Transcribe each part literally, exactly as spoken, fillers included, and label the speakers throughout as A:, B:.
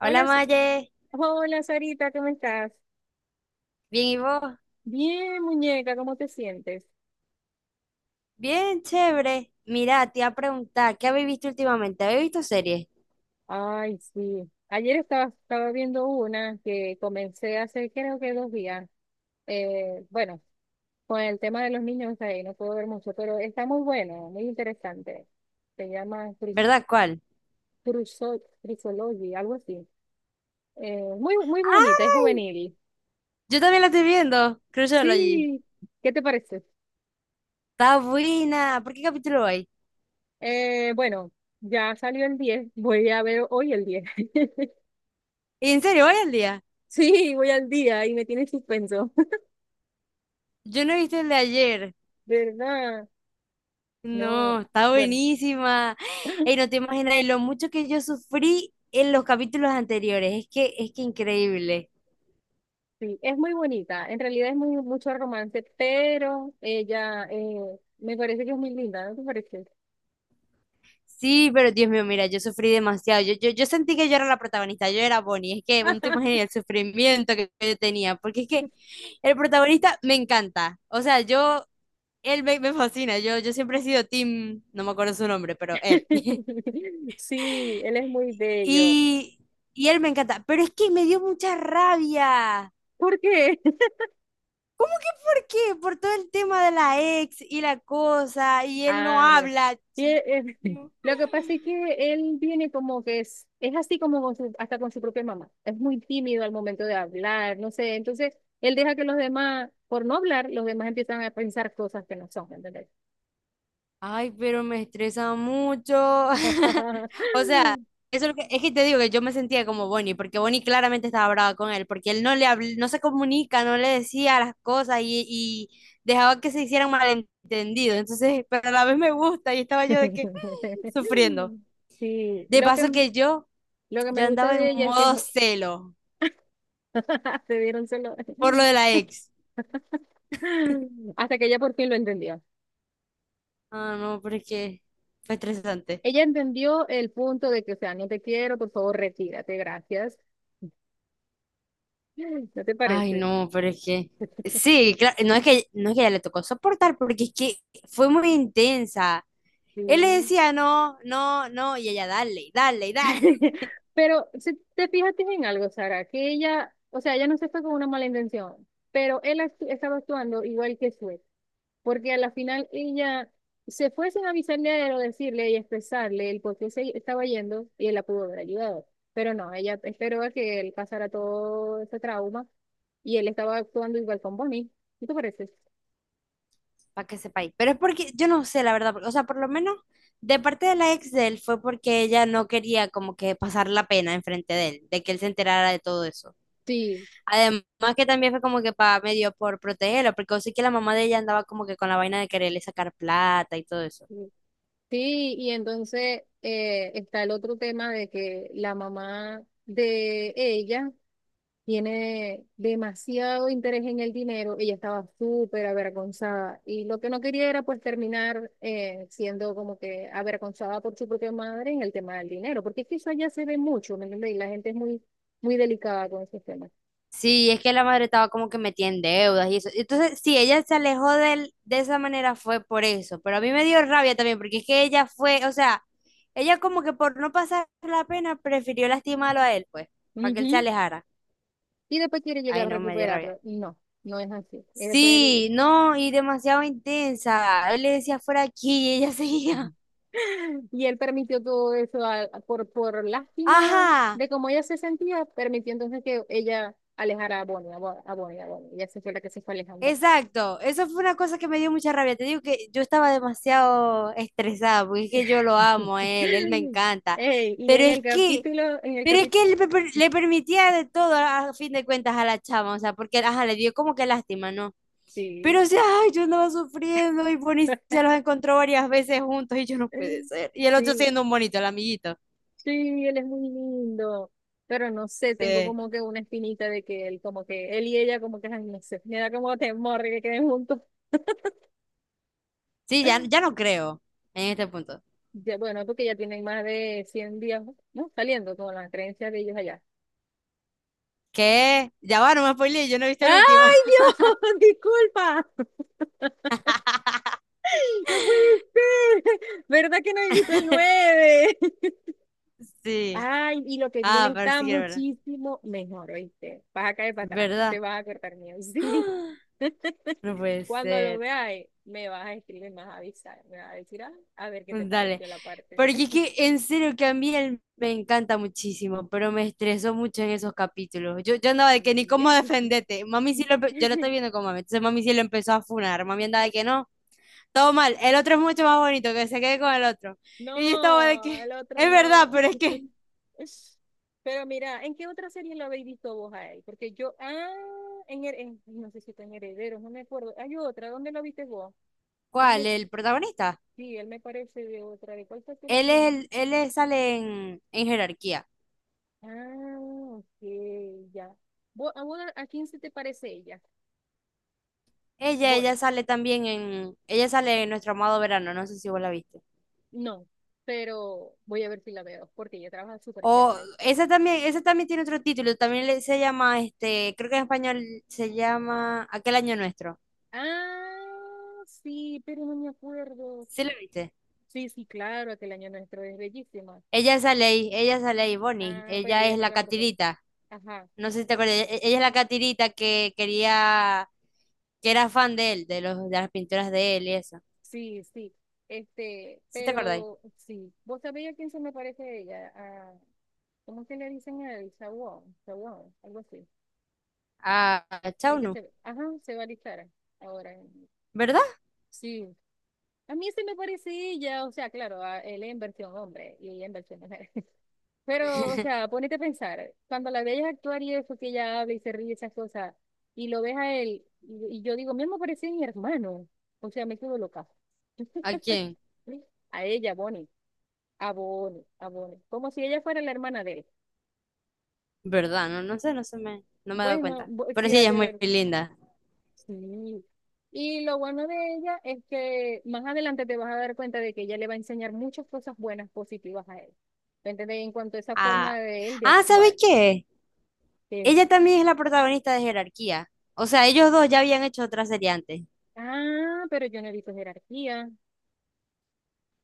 A: Hola
B: Hola, Sa-
A: Maye,
B: hola Sarita, ¿cómo estás?
A: bien y vos,
B: Bien, muñeca, ¿cómo te sientes?
A: bien chévere. Mira, te iba a preguntar, ¿qué habéis visto últimamente? ¿Habéis visto series?
B: Ay, sí. Ayer estaba, estaba viendo una que comencé hace creo que dos días. Eh, bueno, con el tema de los niños ahí, no puedo ver mucho, pero está muy bueno, muy interesante. Se llama Cris-
A: ¿Verdad? ¿Cuál?
B: Cruzo- Crisology, algo así. Eh, muy, muy bonita, es
A: Ay,
B: juvenil.
A: yo también la estoy viendo, Criminology.
B: Sí, ¿qué te parece?
A: Está buena. ¿Por qué capítulo hay?
B: Eh, bueno, ya salió el diez. Voy a ver hoy el diez.
A: ¿En serio? ¿Hoy al día?
B: Sí, voy al día y me tiene en suspenso.
A: Yo no he visto el de ayer.
B: ¿Verdad? No,
A: No, está
B: bueno,
A: buenísima. Ey, no te imaginas lo mucho que yo sufrí en los capítulos anteriores. Es que es que increíble.
B: sí, es muy bonita. En realidad es muy, mucho romance, pero ella, eh, me parece que es muy linda, ¿no te parece?
A: Sí, pero Dios mío, mira, yo sufrí demasiado. Yo, yo, yo sentí que yo era la protagonista, yo era Bonnie. Es que no te imaginas el sufrimiento que yo tenía, porque es que el protagonista me encanta. O sea, yo, él me, me fascina. Yo, yo siempre he sido Tim, no me acuerdo su nombre, pero él.
B: Sí, él es muy bello.
A: Y, y él me encanta. Pero es que me dio mucha rabia.
B: ¿Por qué?
A: ¿Cómo que por qué? Por todo el tema de la ex y la cosa, y él no
B: Ah, bueno.
A: habla.
B: Y,
A: Dios
B: eh,
A: mío.
B: Lo que pasa es que él viene como que es, es así como con su- hasta con su propia mamá. Es muy tímido al momento de hablar, no sé. Entonces, él deja que los demás, por no hablar, los demás empiezan a pensar cosas que no son, ¿entendés?
A: Ay, pero me estresa mucho. O sea, eso es, lo que, es que te digo que yo me sentía como Bonnie, porque Bonnie claramente estaba brava con él, porque él no le habl- no se comunica, no le decía las cosas y, y dejaba que se hicieran malentendidos. Entonces, pero a la vez me gusta y estaba yo de que sufriendo.
B: Sí,
A: De
B: lo que,
A: paso que yo
B: lo que me
A: ya
B: gusta
A: andaba
B: de
A: en
B: ella es que es
A: modo
B: mu-
A: celo
B: se dieron solo.
A: por lo de la ex.
B: Hasta que ella por fin lo entendió.
A: Ah, no, pero es que fue estresante.
B: Ella entendió el punto de que, o sea, no te quiero, por favor, retírate, gracias. ¿No te
A: Ay,
B: parece?
A: no, pero es que sí, claro, no es que no es que ella le tocó soportar, porque es que fue muy intensa. Él le
B: Sí.
A: decía no, no, no, y ella dale, dale, dale,
B: Pero si te fijaste en algo, Sara, que ella, o sea, ella no se fue con una mala intención, pero él actu- estaba actuando igual que Sue, porque a la final ella se fue sin avisarle a él o decirle y expresarle el por qué se estaba yendo y él la pudo haber ayudado. Pero no, ella esperó a que él pasara todo ese trauma y él estaba actuando igual con Bonnie. ¿Qué te parece?
A: para que sepáis. Pero es porque yo no sé, la verdad, porque, o sea, por lo menos de parte de la ex de él fue porque ella no quería como que pasar la pena enfrente de él, de que él se enterara de todo eso.
B: Sí.
A: Además que también fue como que para medio por protegerlo, porque yo sé que la mamá de ella andaba como que con la vaina de quererle sacar plata y todo eso.
B: Sí, y entonces, eh, está el otro tema de que la mamá de ella tiene demasiado interés en el dinero, ella estaba súper avergonzada y lo que no quería era pues terminar, eh, siendo como que avergonzada por su propia madre en el tema del dinero, porque es que eso allá se ve mucho, ¿me entiendes? Y la gente es muy, muy delicada con esos temas.
A: Sí, es que la madre estaba como que metida en deudas y eso. Entonces, sí, ella se alejó de él de esa manera fue por eso, pero a mí me dio rabia también porque es que ella fue, o sea, ella como que por no pasar la pena prefirió lastimarlo a él, pues, para que él se
B: Ujú.
A: alejara.
B: Y después quiere llegar
A: Ay,
B: a
A: no, me dio rabia.
B: recuperarlo. Y no, no es así. Es después el-
A: Sí, no, y demasiado intensa. Él le decía fuera aquí y ella seguía.
B: Y él permitió todo eso, a- a- por, por lástima
A: Ajá.
B: de cómo ella se sentía, permitió entonces que ella alejara a Bonnie, a Bo- a Bonnie, a Bonnie. Ella se fue, la que se fue alejando.
A: Exacto, eso fue una cosa que me dio mucha rabia. Te digo que yo estaba demasiado estresada, porque es que yo lo amo a él, él me encanta.
B: Ey, y
A: Pero
B: en el
A: es que,
B: capítulo, en el
A: pero es que
B: capítulo,
A: él pe- per- le permitía de todo a fin de cuentas a la chama, o sea, porque ajá, le dio como que lástima, ¿no?
B: sí,
A: Pero o sea, ay, yo andaba sufriendo y Bonnie se los encontró varias veces juntos y yo no puede ser. Y el otro
B: sí,
A: siendo un bonito, el amiguito.
B: sí, él es muy lindo, pero no sé, tengo
A: Sí.
B: como que una espinita de que él, como que él y ella, como que, ay, no sé, me da como temor de que queden juntos.
A: Sí, ya, ya no creo en este punto.
B: Ya, bueno, porque ya tienen más de cien días, ¿no? Saliendo con la creencia de ellos allá.
A: ¿Qué? Ya va, no me spoileé, yo no he visto el último.
B: ¡Ay, Dios! Disculpa. No puede ser. ¿Verdad que no he visto el nueve?
A: Sí.
B: Ay, y lo que viene
A: Ah, ver
B: está
A: si quiero verla.
B: muchísimo mejor, ¿oíste? Vas a caer para atrás.
A: ¿Verdad?
B: Te vas a cortar miedo. Sí.
A: ¡Ah! No puede
B: Cuando lo
A: ser.
B: veas, me vas a escribir, me vas a avisar. Me vas a decir, ah, a ver qué te
A: Pues dale.
B: pareció la parte.
A: Porque es que en serio que a mí él me encanta muchísimo, pero me estresó mucho en esos capítulos. Yo, yo andaba de que ni cómo
B: Sí.
A: defenderte. Mami sí lo empe- yo lo estoy viendo con mami. Entonces mami sí lo empezó a funar. Mami andaba de que no, todo mal. El otro es mucho más bonito, que se quede con el otro. Y yo estaba de
B: No,
A: que,
B: el otro
A: es verdad,
B: no.
A: pero es que.
B: Es- Pero mira, ¿en qué otra serie lo habéis visto vos ahí? Porque yo, ah, en, Her- en- no sé si está en Herederos, no me acuerdo. Hay otra, ¿dónde lo viste vos? Él
A: ¿Cuál?
B: me,
A: ¿El protagonista?
B: sí, él me parece de otra. ¿De cuál fue que la
A: Él es
B: vimos?
A: el, él es- sale en, en jerarquía.
B: Ah, ok, ya. ¿Vos- ¿A, vos- a quién se te parece ella?
A: Ella, ella
B: Bonnie.
A: sale también en, ella sale en Nuestro Amado Verano, no sé si vos la viste.
B: No, pero voy a ver si la veo, porque ella trabaja súper
A: O
B: chévere, ¿viste?
A: esa también, esa también tiene otro título, también le- se llama, este, creo que en español se llama Aquel Año Nuestro.
B: Ah, sí, pero no me acuerdo.
A: ¿Sí la viste?
B: Sí, sí, claro, aquel año nuestro es bellísima.
A: Ella sale ahí, ella sale ahí, Bonnie,
B: Ah, pero
A: ella
B: ella
A: es
B: no
A: la
B: la protagoniza.
A: catirita,
B: Ajá.
A: no sé si te acuerdas, e- ella es la catirita que quería, que era fan de él, de los, de las pinturas de él y eso.
B: Sí, sí. Este,
A: ¿Sí te acordáis?
B: pero sí. ¿Vos sabéis a quién se me parece ella? A, ¿cómo que le dicen a él? Sawón, Sawón, algo así.
A: A, a
B: El que
A: Chauno,
B: se, ajá, se va a alistar ahora. En-
A: ¿verdad?
B: Sí. A mí se me parece ella, o sea, claro, a él en versión hombre y ella en versión mujer. Pero, o sea, ponete a pensar, cuando la veías actuar y eso que ella habla y se ríe y esas cosas, y lo ves a él, y, y yo digo, mismo parecía mi hermano. O sea, me quedo loca.
A: ¿A quién?
B: A ella, Bonnie. Abone abone, como si ella fuera la hermana de él.
A: ¿Verdad? No, no sé, no se me, no me he dado
B: Bueno,
A: cuenta.
B: bo-
A: Pero sí, ella es muy
B: fíjate,
A: linda.
B: sí. Y lo bueno de ella es que más adelante te vas a dar cuenta de que ella le va a enseñar muchas cosas buenas, positivas a él. ¿Me entiendes? En cuanto a esa forma
A: Ah,
B: de él de
A: ah, ¿sabes
B: actuar.
A: qué?
B: que,
A: Ella también es la protagonista de Jerarquía. O sea, ellos dos ya habían hecho otra serie antes.
B: ah, pero yo no he visto Jerarquía.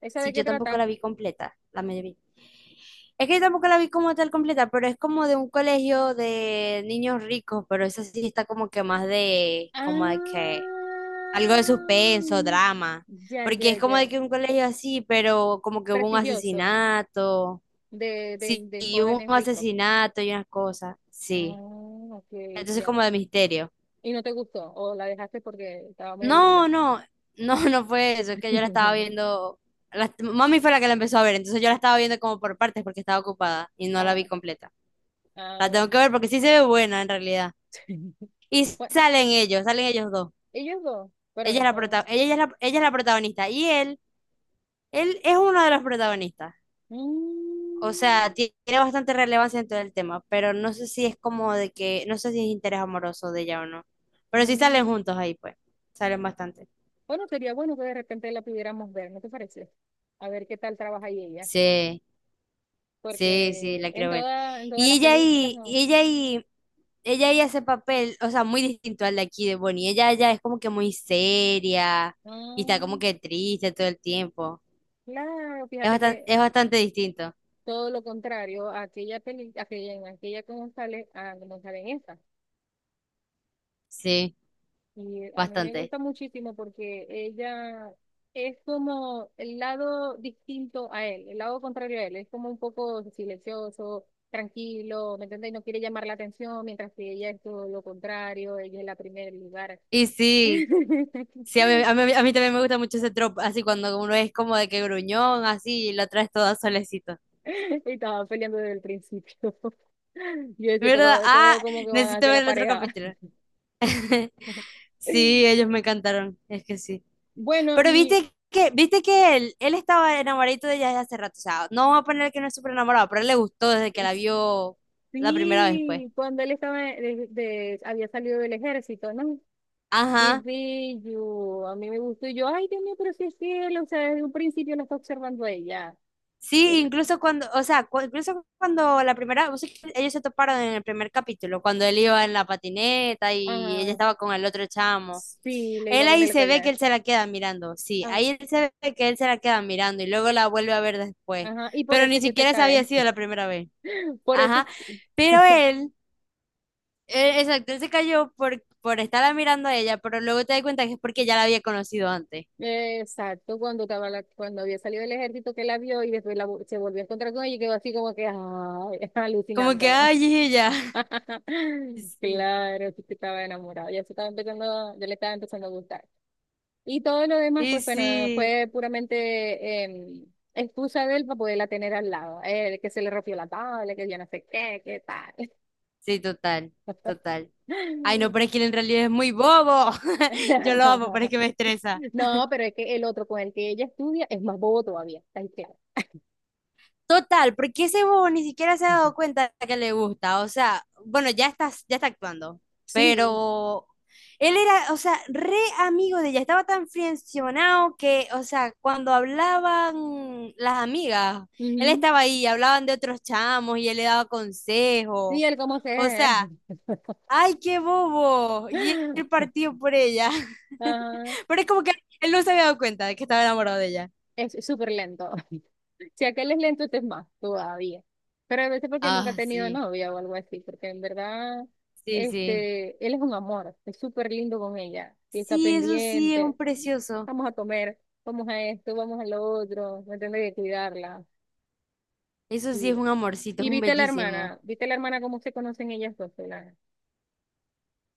B: ¿Esa de
A: Sí,
B: qué
A: yo tampoco
B: trata?
A: la vi completa, la medio vi. Es que yo tampoco la vi como tal completa, pero es como de un colegio de niños ricos, pero esa sí está como que más de, como de
B: Ah,
A: que, algo de suspenso, drama.
B: ya,
A: Porque
B: ya,
A: es como de
B: ya.
A: que un colegio así, pero como que hubo un
B: Prestigioso,
A: asesinato.
B: de, de,
A: Sí,
B: de
A: y hubo
B: jóvenes
A: un
B: ricos.
A: asesinato y unas cosas, sí.
B: Ah, ok,
A: Entonces
B: ya.
A: como de misterio.
B: Y no te gustó, o la dejaste porque estaba muy aburrida.
A: No, no, no, no fue eso, es que yo la estaba viendo, la- mami fue la que la empezó a ver, entonces yo la estaba viendo como por partes porque estaba ocupada y no la vi
B: Ah,
A: completa. La
B: ah.
A: tengo que ver porque sí se ve buena en realidad. Y
B: Bueno,
A: salen ellos, salen ellos dos.
B: ellos dos, pero
A: Ella
B: no
A: es la
B: son.
A: prota- ella es la, ella es la protagonista y él, él es uno de los protagonistas. O sea,
B: Mm,
A: ti- tiene bastante relevancia en todo el tema, pero no sé si es como de que, no sé si es interés amoroso de ella o no. Pero sí salen
B: mm.
A: juntos ahí, pues. Salen bastante.
B: Bueno, sería bueno que de repente la pudiéramos ver, ¿no te parece? A ver qué tal trabaja ahí ella,
A: Sí, sí, sí,
B: porque
A: la
B: en
A: quiero ver.
B: toda, en todas
A: Y
B: las
A: ella
B: películas
A: ahí,
B: no.
A: y ella ahí, ella ahí hace papel, o sea, muy distinto al de aquí de Bonnie. Ella ya es como que muy seria y está como
B: Mm,
A: que triste todo el tiempo.
B: claro,
A: Es
B: fíjate
A: bastante,
B: que
A: es bastante distinto.
B: todo lo contrario a aquella peli, aquella, en aquella como sale, a como sale en esta.
A: Sí,
B: Y a mí me
A: bastante.
B: gusta muchísimo porque ella es como el lado distinto a él, el lado contrario a él. Es como un poco silencioso, tranquilo, ¿me entiendes? Y no quiere llamar la atención, mientras que ella es todo lo contrario, ella es la primera en lugar.
A: Y sí. Sí, a mí, a mí- a mí también me gusta mucho ese tropo, así cuando uno es como de que gruñón, así, y lo traes todo solecito.
B: Y estaban peleando desde el principio. Yo decía,
A: ¿Verdad?
B: todo, todo
A: Ah,
B: como que van a
A: necesito
B: hacer la
A: ver el otro
B: pareja.
A: capítulo. Sí, ellos me encantaron, es que sí.
B: Bueno,
A: Pero
B: y
A: viste que, viste que él, él estaba enamoradito de ella desde hace rato, o sea, no vamos a poner que no es súper enamorado, pero él le gustó desde que la vio la primera vez, pues.
B: sí, cuando él estaba, de- de- había salido del ejército, ¿no? Qué
A: Ajá.
B: bello, a mí me gustó. Y yo, ay, Dios mío, pero si es él, o sea, desde un principio lo está observando a ella.
A: Sí,
B: Él,
A: incluso cuando, o sea, cu- incluso cuando la primera, vos sabés que ellos se toparon en el primer capítulo, cuando él iba en la patineta y ella
B: ajá,
A: estaba con el otro chamo.
B: sí, le iba a
A: Él ahí
B: poner el
A: se ve que
B: collar.
A: él se la queda mirando, sí,
B: Ah,
A: ahí él se ve que él se la queda mirando y luego la vuelve a ver después,
B: ajá, y por
A: pero
B: eso
A: ni
B: es que se
A: siquiera esa
B: cae.
A: había sido la primera vez.
B: Por eso, es
A: Ajá, pero
B: que-
A: él, eh, exacto, él se cayó por, por estarla mirando a ella, pero luego te das cuenta que es porque ya la había conocido antes.
B: exacto, cuando estaba la- cuando había salido del ejército que la vio y después la, vo- se volvió a encontrar con ella y quedó así como que, ay,
A: Como que,
B: alucinando.
A: ay, es ella. Sí,
B: Claro, sí que estaba enamorado, ya se estaba empezando, ya le estaba empezando a gustar. Y todo lo demás,
A: y
B: pues bueno,
A: sí.
B: fue puramente, em, excusa de él para poderla tener al lado. Eh, que se le rompió la tabla, que yo no sé qué, qué tal.
A: Sí, total, total. Ay, no, pero es que él en realidad es muy bobo. Yo lo amo, pero es que me estresa.
B: No, pero es que el otro con el que ella estudia es más bobo todavía, está ahí claro.
A: Total, porque ese bobo ni siquiera se ha dado
B: Ujú.
A: cuenta que le gusta. O sea, bueno, ya está, ya está actuando,
B: Sí,
A: pero él era, o sea, re amigo de ella. Estaba tan friccionado que, o sea, cuando hablaban las amigas, él
B: ujú.
A: estaba ahí, hablaban de otros chamos y él le daba consejos.
B: Y él cómo
A: O
B: se...
A: sea, ¡ay, qué bobo! Y él partió por ella.
B: Ajá.
A: Pero es como que él no se había dado cuenta de que estaba enamorado de ella.
B: Es es súper lento. Si aquel es lento, este es más todavía. Pero a veces porque nunca ha
A: Ah,
B: tenido
A: sí,
B: novia o algo así, porque en verdad,
A: sí, sí.
B: este, él es un amor, es súper lindo con ella y está
A: Sí, eso sí es
B: pendiente.
A: un precioso.
B: Vamos a comer, vamos a esto, vamos a lo otro, me tendré que cuidarla.
A: Eso sí es
B: Y,
A: un amorcito, es
B: y
A: un
B: viste la
A: bellísimo.
B: hermana, viste la hermana cómo se conocen ellas dos, la,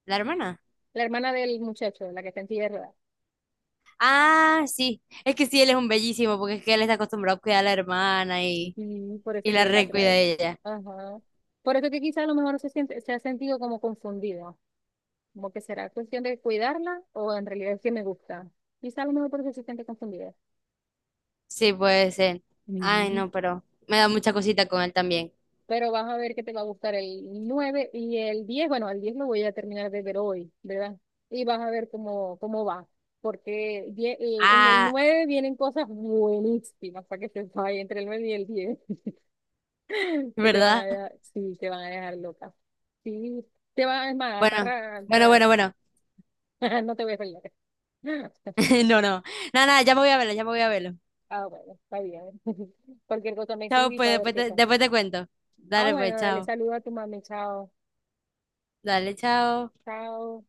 A: ¿La hermana?
B: la hermana del muchacho, la que está en silla de ruedas.
A: Ah, sí. Es que sí, él es un bellísimo, porque es que él está acostumbrado a cuidar a la hermana y,
B: Sí, por
A: y
B: eso
A: la
B: que la
A: recuida
B: trae.
A: de ella.
B: Ajá. Por eso que quizás a lo mejor se siente, se ha sentido como confundido. Como que será cuestión de cuidarla o en realidad es que me gusta. Quizá a lo mejor por eso se siente confundida.
A: Sí, puede ser. Ay,
B: Mm.
A: no, pero me da mucha cosita con él también.
B: Pero vas a ver que te va a gustar el nueve y el diez. Bueno, el diez lo voy a terminar de ver hoy, ¿verdad? Y vas a ver cómo, cómo va. Porque die- el- en el
A: Ah,
B: nueve vienen cosas buenísimas para que se vaya entre el nueve y el diez. Que te van a
A: ¿verdad?
B: dejar, sí, te van a dejar loca. Sí, te van a, es más, te
A: Bueno,
B: arran-
A: bueno, bueno, bueno.
B: te- no te voy a pelear.
A: No, no. Nada, nada, ya me voy a verlo, ya me voy a verlo.
B: Ah, bueno, está bien. Cualquier cosa me
A: Chao,
B: escribí
A: pues
B: para ver
A: después
B: qué
A: te,
B: tal.
A: después te cuento.
B: Ah,
A: Dale,
B: bueno,
A: pues,
B: dale,
A: chao.
B: saluda a tu mami. Chao.
A: Dale, chao.
B: Chao.